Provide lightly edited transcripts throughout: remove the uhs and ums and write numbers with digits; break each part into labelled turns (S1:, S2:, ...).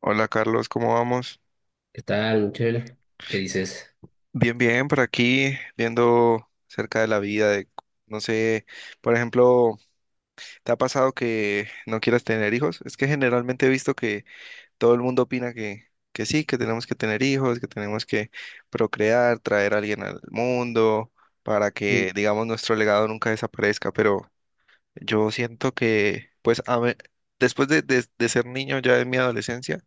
S1: Hola Carlos, ¿cómo vamos?
S2: ¿Qué tal, Michelle? ¿Qué dices?
S1: Bien, bien, por aquí viendo cerca de la vida, de, no sé, por ejemplo, ¿te ha pasado que no quieras tener hijos? Es que generalmente he visto que todo el mundo opina que sí, que tenemos que tener hijos, que tenemos que procrear, traer a alguien al mundo para
S2: Sí.
S1: que, digamos, nuestro legado nunca desaparezca. Pero yo siento que, pues, a ver, después de ser niño ya en mi adolescencia,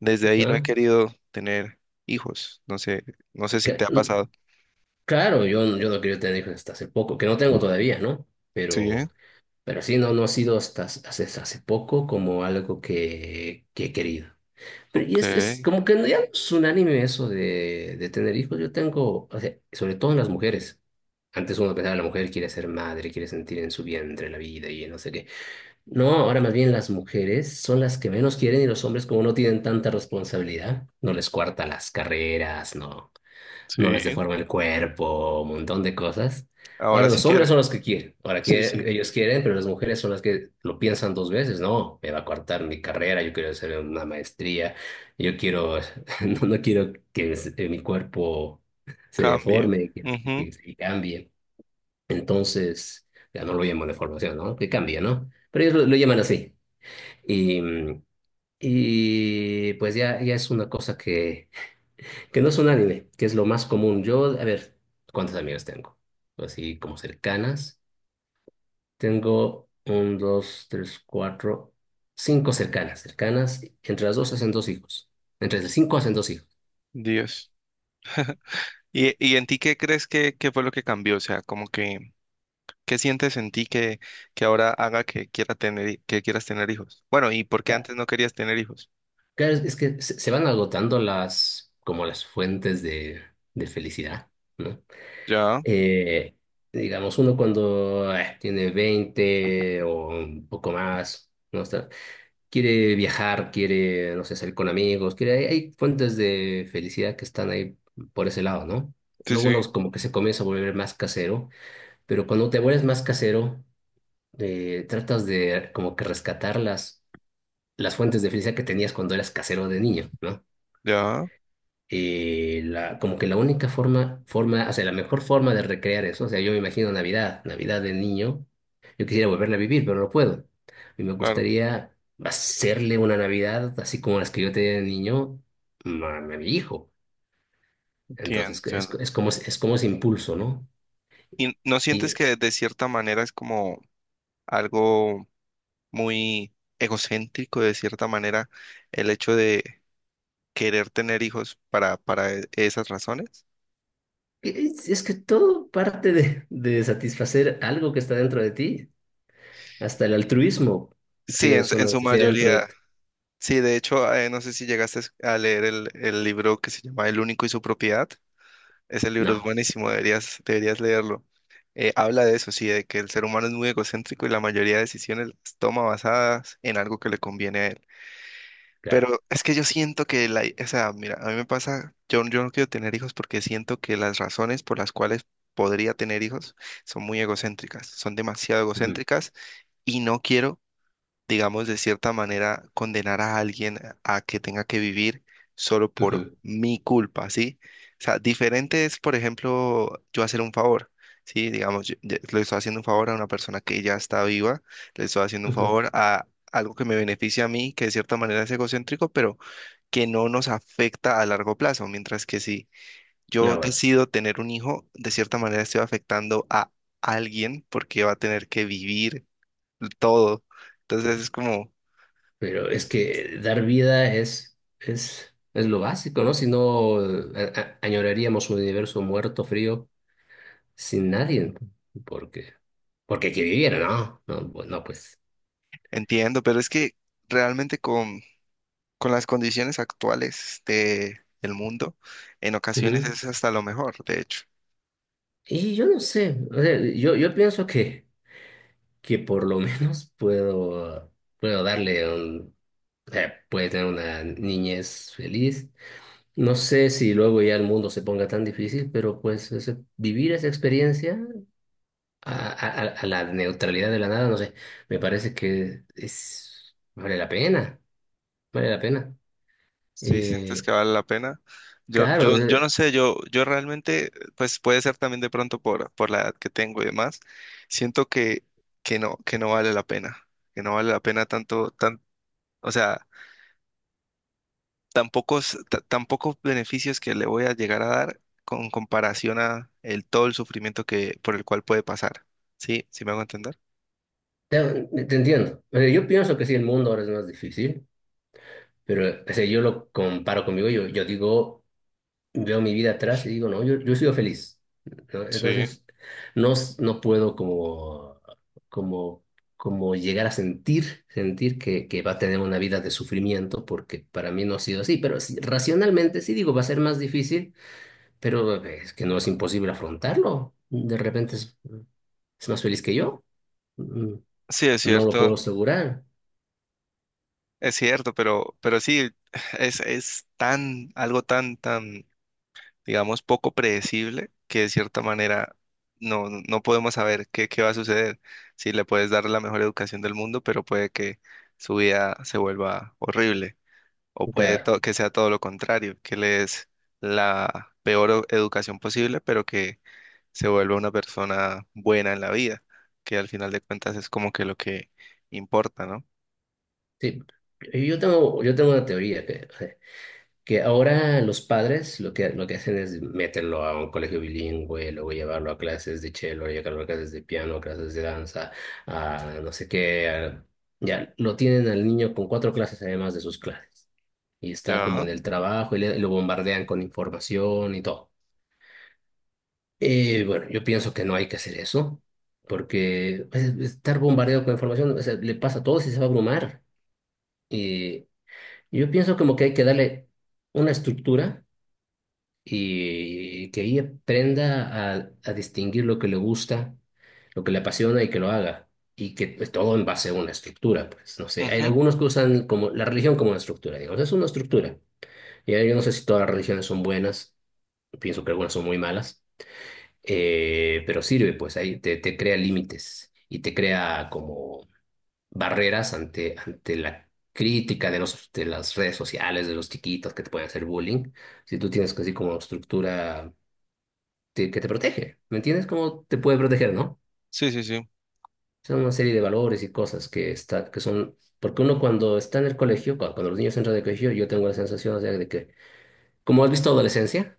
S1: desde ahí no he
S2: ¿Ah?
S1: querido tener hijos. No sé, no sé si te
S2: Que-
S1: ha
S2: n-
S1: pasado.
S2: Claro, yo no quiero tener hijos hasta hace poco, que no tengo todavía, ¿no?
S1: Sí,
S2: Pero, pero sí, no, no ha sido hasta hace poco como algo que he querido. Pero y
S1: ok,
S2: es como que ya no es unánime eso de tener hijos. Yo tengo, o sea, sobre todo en las mujeres. Antes uno pensaba, la mujer quiere ser madre, quiere sentir en su vientre la vida y no sé qué. No, ahora más bien las mujeres son las que menos quieren y los hombres como no tienen tanta responsabilidad, no les cuartan las carreras, no, no
S1: sí,
S2: les deforma el cuerpo, un montón de cosas.
S1: ahora
S2: Ahora
S1: sí
S2: los hombres
S1: quieren.
S2: son los que quieren, ahora
S1: Sí, sí,
S2: quieren, ellos quieren, pero las mujeres son las que lo piensan dos veces, no, me va a cortar mi carrera, yo quiero hacer una maestría, yo quiero, no, no quiero que mi cuerpo se
S1: cambia.
S2: deforme, que,
S1: Ujú.
S2: que se cambie. Entonces, ya no lo llamo deformación, ¿no? Que cambie, ¿no? Pero ellos lo llaman así. Y, mm, y pues ya es una cosa que no es unánime, que es lo más común. Yo, a ver, ¿cuántas amigas tengo? Así como cercanas. Tengo un, dos, tres, cuatro, cinco cercanas. Cercanas, entre las dos hacen dos hijos. Entre las cinco hacen dos hijos.
S1: Dios. Y en ti qué crees que fue lo que cambió? O sea, como que, ¿qué sientes en ti que ahora haga que quiera tener, que quieras tener hijos? Bueno, ¿y por qué
S2: Claro.
S1: antes no querías tener hijos?
S2: Claro, es que se van agotando las, como las fuentes de felicidad, ¿no?
S1: Ya,
S2: Eh, digamos, uno cuando tiene 20 o un poco más, ¿no? Quiere viajar, quiere, no sé, salir con amigos, quiere, hay fuentes de felicidad que están ahí por ese lado, ¿no?
S1: sí,
S2: Luego
S1: sí,
S2: uno como que se comienza a volver más casero, pero cuando te vuelves más casero, tratas de como que rescatar las fuentes de felicidad que tenías cuando eras casero de niño, ¿no?
S1: ya,
S2: La, como que la única forma, o sea, la mejor forma de recrear eso, o sea, yo me imagino Navidad, Navidad de niño, yo quisiera volverla a vivir, pero no puedo. Y me
S1: claro,
S2: gustaría hacerle una Navidad así como las que yo tenía de niño a mi hijo. Entonces, que es,
S1: entiendo.
S2: es como ese impulso, ¿no?
S1: ¿Y no sientes
S2: Y
S1: que de cierta manera es como algo muy egocéntrico, de cierta manera, el hecho de querer tener hijos para, para esas razones?
S2: es que todo parte de satisfacer algo que está dentro de ti, hasta el altruismo.
S1: Sí,
S2: Tienes
S1: en
S2: una
S1: su
S2: necesidad dentro de
S1: mayoría.
S2: ti.
S1: Sí, de hecho, no sé si llegaste a leer el libro que se llama El único y su propiedad. Ese libro es
S2: No,
S1: buenísimo, deberías, deberías leerlo. Habla de eso, sí, de que el ser humano es muy egocéntrico y la mayoría de decisiones las toma basadas en algo que le conviene a él.
S2: claro.
S1: Pero es que yo siento que la, o sea, mira, a mí me pasa, yo no quiero tener hijos porque siento que las razones por las cuales podría tener hijos son muy egocéntricas, son demasiado
S2: Ujú,
S1: egocéntricas y no quiero, digamos, de cierta manera condenar a alguien a que tenga que vivir solo por
S2: ujú,
S1: mi culpa, ¿sí? O sea, diferente es, por ejemplo, yo hacer un favor, ¿sí? Digamos, yo le estoy haciendo un favor a una persona que ya está viva, le estoy haciendo un
S2: ujú.
S1: favor a... algo que me beneficia a mí, que de cierta manera es egocéntrico, pero que no nos afecta a largo plazo, mientras que si yo
S2: No, bueno.
S1: decido tener un hijo, de cierta manera estoy afectando a alguien porque va a tener que vivir todo. Entonces es como,
S2: Pero es que dar vida es lo básico, ¿no? Si no, añoraríamos un universo muerto, frío, sin nadie. Porque, porque hay que vivir, ¿no? No, no, pues.
S1: entiendo, pero es que realmente con las condiciones actuales de, del mundo, en ocasiones
S2: Ujú.
S1: es hasta lo mejor, de hecho.
S2: Y yo no sé, o sea, yo pienso que por lo menos puedo darle un... Puede tener una niñez feliz. No sé si luego ya el mundo se ponga tan difícil, pero pues vivir esa experiencia a la neutralidad de la nada, no sé, me parece que vale la pena, vale la pena.
S1: Sí, sientes
S2: Eh,
S1: que vale la pena. Yo,
S2: claro,
S1: yo, yo
S2: eh,
S1: no sé, yo realmente, pues puede ser también de pronto por la edad que tengo y demás, siento que no vale la pena, que no vale la pena tanto, tan, o sea, tan pocos, tan pocos beneficios que le voy a llegar a dar con comparación a el, todo el sufrimiento que, por el cual puede pasar. ¿Sí? ¿Sí me hago entender?
S2: te, te, entiendo. O sea, yo pienso que sí, el mundo ahora es más difícil, pero o sea, yo lo comparo conmigo, yo digo, veo mi vida atrás y digo, no, yo he sido feliz, ¿no?
S1: Sí,
S2: Entonces, no, no puedo como, como llegar a sentir que va a tener una vida de sufrimiento, porque para mí no ha sido así, pero sí, racionalmente sí digo, va a ser más difícil, pero es que no es imposible afrontarlo. De repente es más feliz que yo. Mm,
S1: sí,
S2: No lo puedo asegurar.
S1: es cierto, pero sí, es tan, algo tan, tan digamos, poco predecible, que de cierta manera no, no podemos saber qué, qué va a suceder. Si le puedes dar la mejor educación del mundo, pero puede que su vida se vuelva horrible, o puede
S2: Claro,
S1: que sea todo lo contrario, que le des la peor educación posible, pero que se vuelva una persona buena en la vida, que al final de cuentas es como que lo que importa, ¿no?
S2: sí. Yo tengo una teoría que. Que ahora los padres lo que hacen es meterlo a un colegio bilingüe, luego llevarlo a clases de cello, llevarlo a clases de piano, clases de danza, a no sé qué. Ya lo tienen al niño con cuatro clases además de sus clases. Y está como
S1: Ajá.
S2: en el trabajo y lo bombardean con información y todo. Bueno, yo pienso que no hay que hacer eso, porque pues, estar bombardeado con información, o sea, le pasa a todos y se va a abrumar. Y yo pienso como que hay que darle una estructura y que ella aprenda a distinguir lo que le gusta, lo que le apasiona y que lo haga. Y que pues, todo en base a una estructura, pues no sé, hay
S1: Ujú.
S2: algunos que usan como la religión como una estructura, digamos, es una estructura. Y ahí yo no sé si todas las religiones son buenas, pienso que algunas son muy malas, pero sirve, pues ahí te crea límites y te crea como barreras ante la crítica de los, de las redes sociales, de los chiquitos que te pueden hacer bullying. Si tú tienes así como estructura que te protege. ¿Me entiendes? ¿Cómo te puede proteger, no?
S1: Sí, sí, sí.
S2: Son una serie de valores y cosas que son... Porque uno cuando está en el colegio, cuando los niños entran de colegio, yo tengo la sensación, o sea, de que... ¿Cómo has visto adolescencia?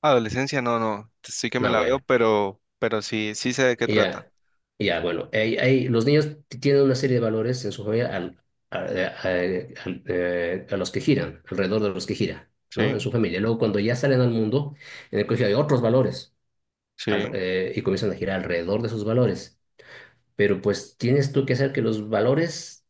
S1: Adolescencia, no, no, sí que me
S2: No,
S1: la
S2: bueno,
S1: veo, pero sí, sí sé de qué trata.
S2: ya, ya, bueno. Hay los niños tienen una serie de valores en su familia al, a- al- a los que giran, alrededor de los que giran, ¿no? En
S1: Sí.
S2: su familia. Luego, cuando ya salen al mundo, en el colegio hay otros valores
S1: Sí,
S2: y comienzan a girar alrededor de esos valores. Pero pues tienes tú que hacer que los valores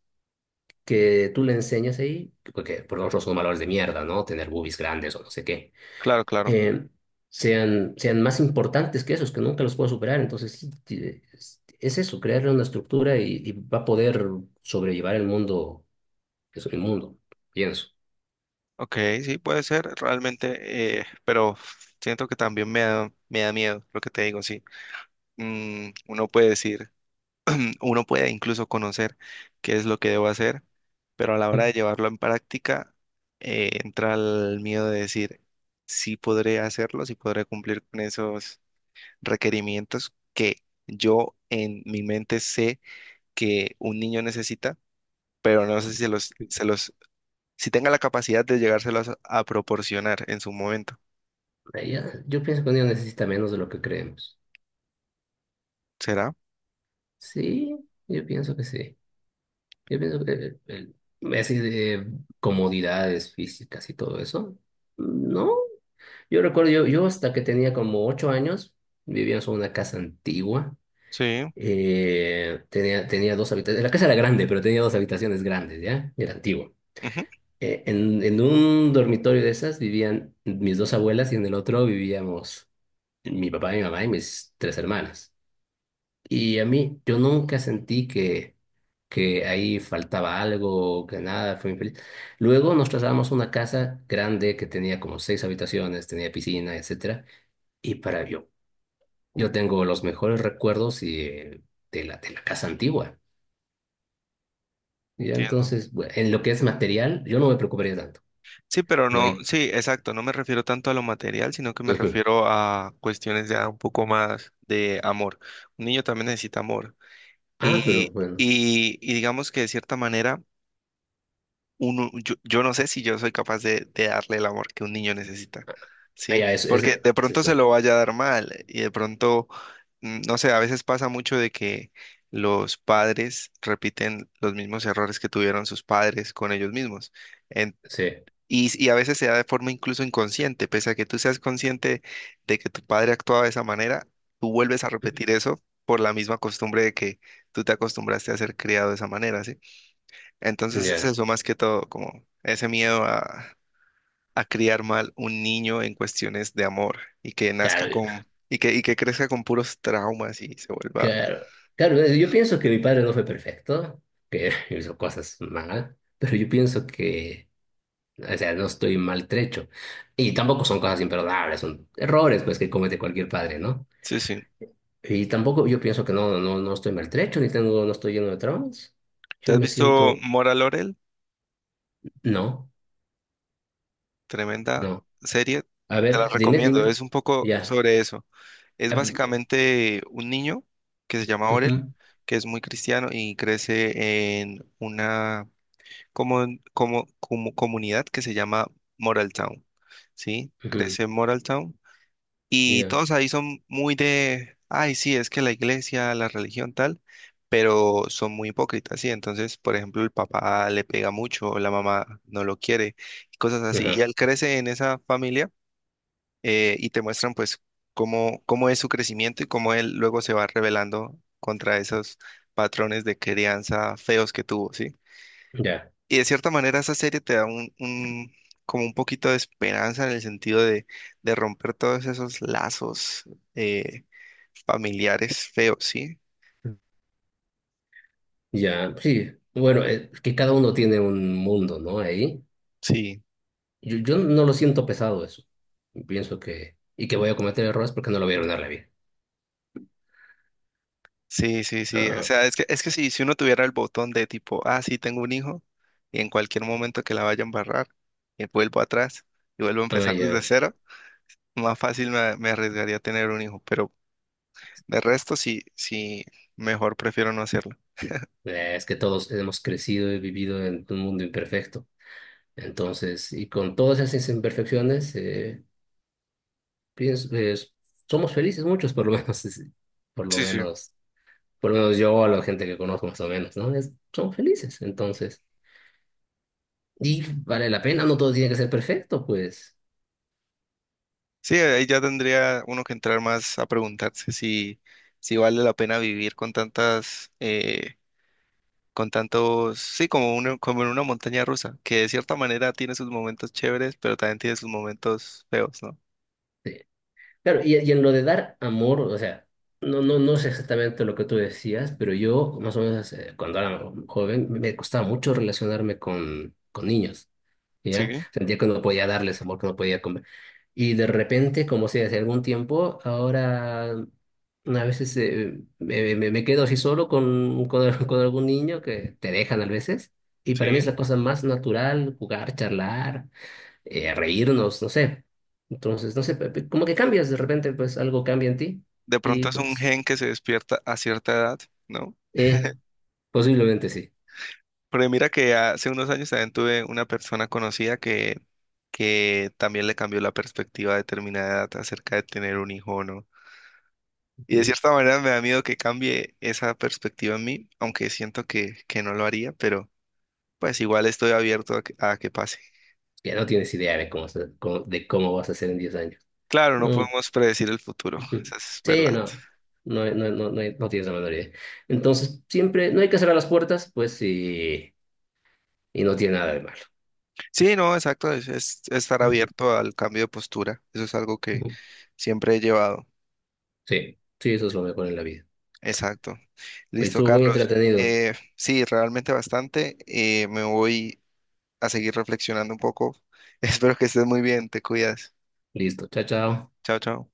S2: que tú le enseñas ahí, porque por nosotros son valores de mierda, ¿no? Tener boobies grandes o no sé qué,
S1: claro, claro.
S2: eh, sean más importantes que esos, que nunca los puedo superar. Entonces, sí, es eso, crearle una estructura y va a poder sobrellevar el mundo, que es el mundo, pienso.
S1: Ok, sí, puede ser realmente, pero siento que también me da miedo lo que te digo, sí. Mm, uno puede decir, uno puede incluso conocer qué es lo que debo hacer, pero a la hora de llevarlo en práctica, entra el miedo de decir, sí podré hacerlo, sí podré cumplir con esos requerimientos que yo en mi mente sé que un niño necesita, pero no sé si los, se los si tenga la capacidad de llegárselas a proporcionar en su momento.
S2: Yo pienso que un día necesita menos de lo que creemos.
S1: ¿Será?
S2: Sí, yo pienso que sí. Yo pienso que así de comodidades físicas y todo eso, no. Yo recuerdo, yo hasta que tenía como 8 años, vivíamos en una casa antigua.
S1: Sí.
S2: Tenía dos habitaciones. La casa era grande, pero tenía dos habitaciones grandes, ¿ya? Era antigua.
S1: Ujú.
S2: En un dormitorio de esas vivían mis dos abuelas y en el otro vivíamos mi papá, mi mamá y mis tres hermanas. Y a mí, yo nunca sentí que ahí faltaba algo, que nada, fue muy feliz. Luego nos trasladamos a una casa grande que tenía como seis habitaciones, tenía piscina, etcétera. Y yo tengo los mejores recuerdos y de la casa antigua. Y ya
S1: Entiendo.
S2: entonces, bueno, en lo que es material, yo no me preocuparía tanto.
S1: Sí, pero
S2: No
S1: no,
S2: hay...
S1: sí, exacto. No me refiero tanto a lo material, sino que me
S2: Ujú.
S1: refiero a cuestiones ya un poco más de amor. Un niño también necesita amor.
S2: Ah, pero bueno.
S1: Y digamos que de cierta manera uno, yo no sé si yo soy capaz de darle el amor que un niño necesita,
S2: Ah,
S1: ¿sí?
S2: ya, es, es,
S1: Porque de
S2: es
S1: pronto se
S2: eso.
S1: lo vaya a dar mal y de pronto, mm, no sé, a veces pasa mucho de que los padres repiten los mismos errores que tuvieron sus padres con ellos mismos. En-
S2: Sí.
S1: y, y a veces se da de forma incluso inconsciente, pese a que tú seas consciente de que tu padre actuaba de esa manera, tú vuelves a repetir eso por la misma costumbre de que tú te acostumbraste a ser criado de esa manera, ¿sí? Entonces es
S2: Ya.
S1: eso más que todo, como ese miedo a criar mal un niño en cuestiones de amor y que nazca
S2: Claro,
S1: con, y que crezca con puros traumas y se vuelva.
S2: Claro, claro, yo pienso que mi padre no fue perfecto, que hizo cosas mal, pero yo pienso que, o sea, no estoy maltrecho. Y tampoco son cosas imperdonables, son errores pues que comete cualquier padre, ¿no?
S1: Sí, sí.
S2: Y tampoco yo pienso que no, no, no estoy maltrecho, ni tengo, no estoy lleno de traumas.
S1: ¿Te
S2: Yo
S1: has
S2: me
S1: visto
S2: siento,
S1: Mora Laurel?
S2: no,
S1: Tremenda
S2: no.
S1: serie,
S2: A
S1: te la
S2: ver, dime,
S1: recomiendo.
S2: dime.
S1: Es un poco
S2: Ya.
S1: sobre eso. Es
S2: Ah,
S1: básicamente un niño que se llama Orel,
S2: ujú,
S1: que es muy cristiano y crece en una como, como, como comunidad que se llama Moral Town. ¿Sí?
S2: ujú,
S1: Crece en Moral Town. Y
S2: Ya.
S1: todos ahí son muy de, ay, sí, es que la iglesia, la religión tal, pero son muy hipócritas, sí. Entonces, por ejemplo, el papá le pega mucho, la mamá no lo quiere, y cosas así. Y
S2: Ajá,
S1: él crece en esa familia, y te muestran pues cómo, cómo es su crecimiento y cómo él luego se va rebelando contra esos patrones de crianza feos que tuvo, ¿sí?
S2: ya.
S1: Y de cierta manera esa serie te da un, como un poquito de esperanza en el sentido de romper todos esos lazos eh, familiares feos, ¿sí?
S2: Ya, sí. Bueno, que cada uno tiene un mundo, ¿no? Ahí.
S1: Sí,
S2: Yo no lo siento pesado eso. Pienso que... Y que voy a cometer errores porque no lo voy a arruinar la vida.
S1: sí, sí, sí. O
S2: Ah,
S1: sea, es que si, si uno tuviera el botón de tipo, ah, sí, tengo un hijo, y en cualquier momento que la vaya a embarrar, vuelvo atrás y vuelvo a
S2: ah,
S1: empezar desde
S2: ya.
S1: cero, más fácil me, me arriesgaría a tener un hijo, pero de resto sí, sí, mejor prefiero no hacerlo.
S2: Es que todos hemos crecido y vivido en un mundo imperfecto. Entonces, y con todas esas imperfecciones, pienso, pues, somos felices muchos, por lo menos. Por lo
S1: Sí, sí.
S2: menos, por lo menos yo, a la gente que conozco más o menos, ¿no? Son felices, entonces. Y vale la pena, no todo tiene que ser perfecto, pues.
S1: Sí, ahí ya tendría uno que entrar más a preguntarse si, si vale la pena vivir con tantas, con tantos, sí, como uno, como en una montaña rusa, que de cierta manera tiene sus momentos chéveres, pero también tiene sus momentos feos, ¿no?
S2: eh, Claro, y en lo de dar amor, o sea, no, no, no sé exactamente lo que tú decías, pero yo, más o menos, cuando era joven, me costaba mucho relacionarme con niños, ¿ya?
S1: Sí,
S2: Sentía que no podía darles amor, que no podía comer. Y de repente, como si hace algún tiempo, ahora a veces me quedo así solo con, con algún niño que te dejan a veces, y para mí
S1: sí.
S2: es la cosa más natural jugar, charlar reírnos, no sé. Entonces, no sé, como que cambias de repente, pues algo cambia en ti
S1: De
S2: y
S1: pronto es un
S2: pues,
S1: gen que se despierta a cierta edad, ¿no?
S2: eh, posiblemente sí.
S1: Pero mira que hace unos años también tuve una persona conocida que también le cambió la perspectiva a determinada edad acerca de tener un hijo, o ¿no? Y de
S2: Ujú.
S1: cierta manera me da miedo que cambie esa perspectiva en mí, aunque siento que no lo haría, pero pues igual estoy abierto a que pase.
S2: Ya no tienes idea de cómo vas a ser en 10 años.
S1: Claro, no
S2: Mm,
S1: podemos predecir el futuro,
S2: ujú.
S1: eso es verdad.
S2: Sí, no. No, no, no, no, no tienes la menor idea. Entonces, siempre, no hay que cerrar las puertas, pues, y no tiene nada de malo.
S1: Sí, no, exacto, es estar
S2: Ujú.
S1: abierto al cambio de postura, eso es algo que
S2: Ujú.
S1: siempre he llevado.
S2: Sí, sí, eso es lo mejor en la vida.
S1: Exacto.
S2: Pues
S1: Listo,
S2: estuvo muy
S1: Carlos.
S2: entretenido.
S1: Sí, realmente bastante. Me voy a seguir reflexionando un poco. Espero que estés muy bien, te cuidas.
S2: Listo, chao, chao.
S1: Chao, chao.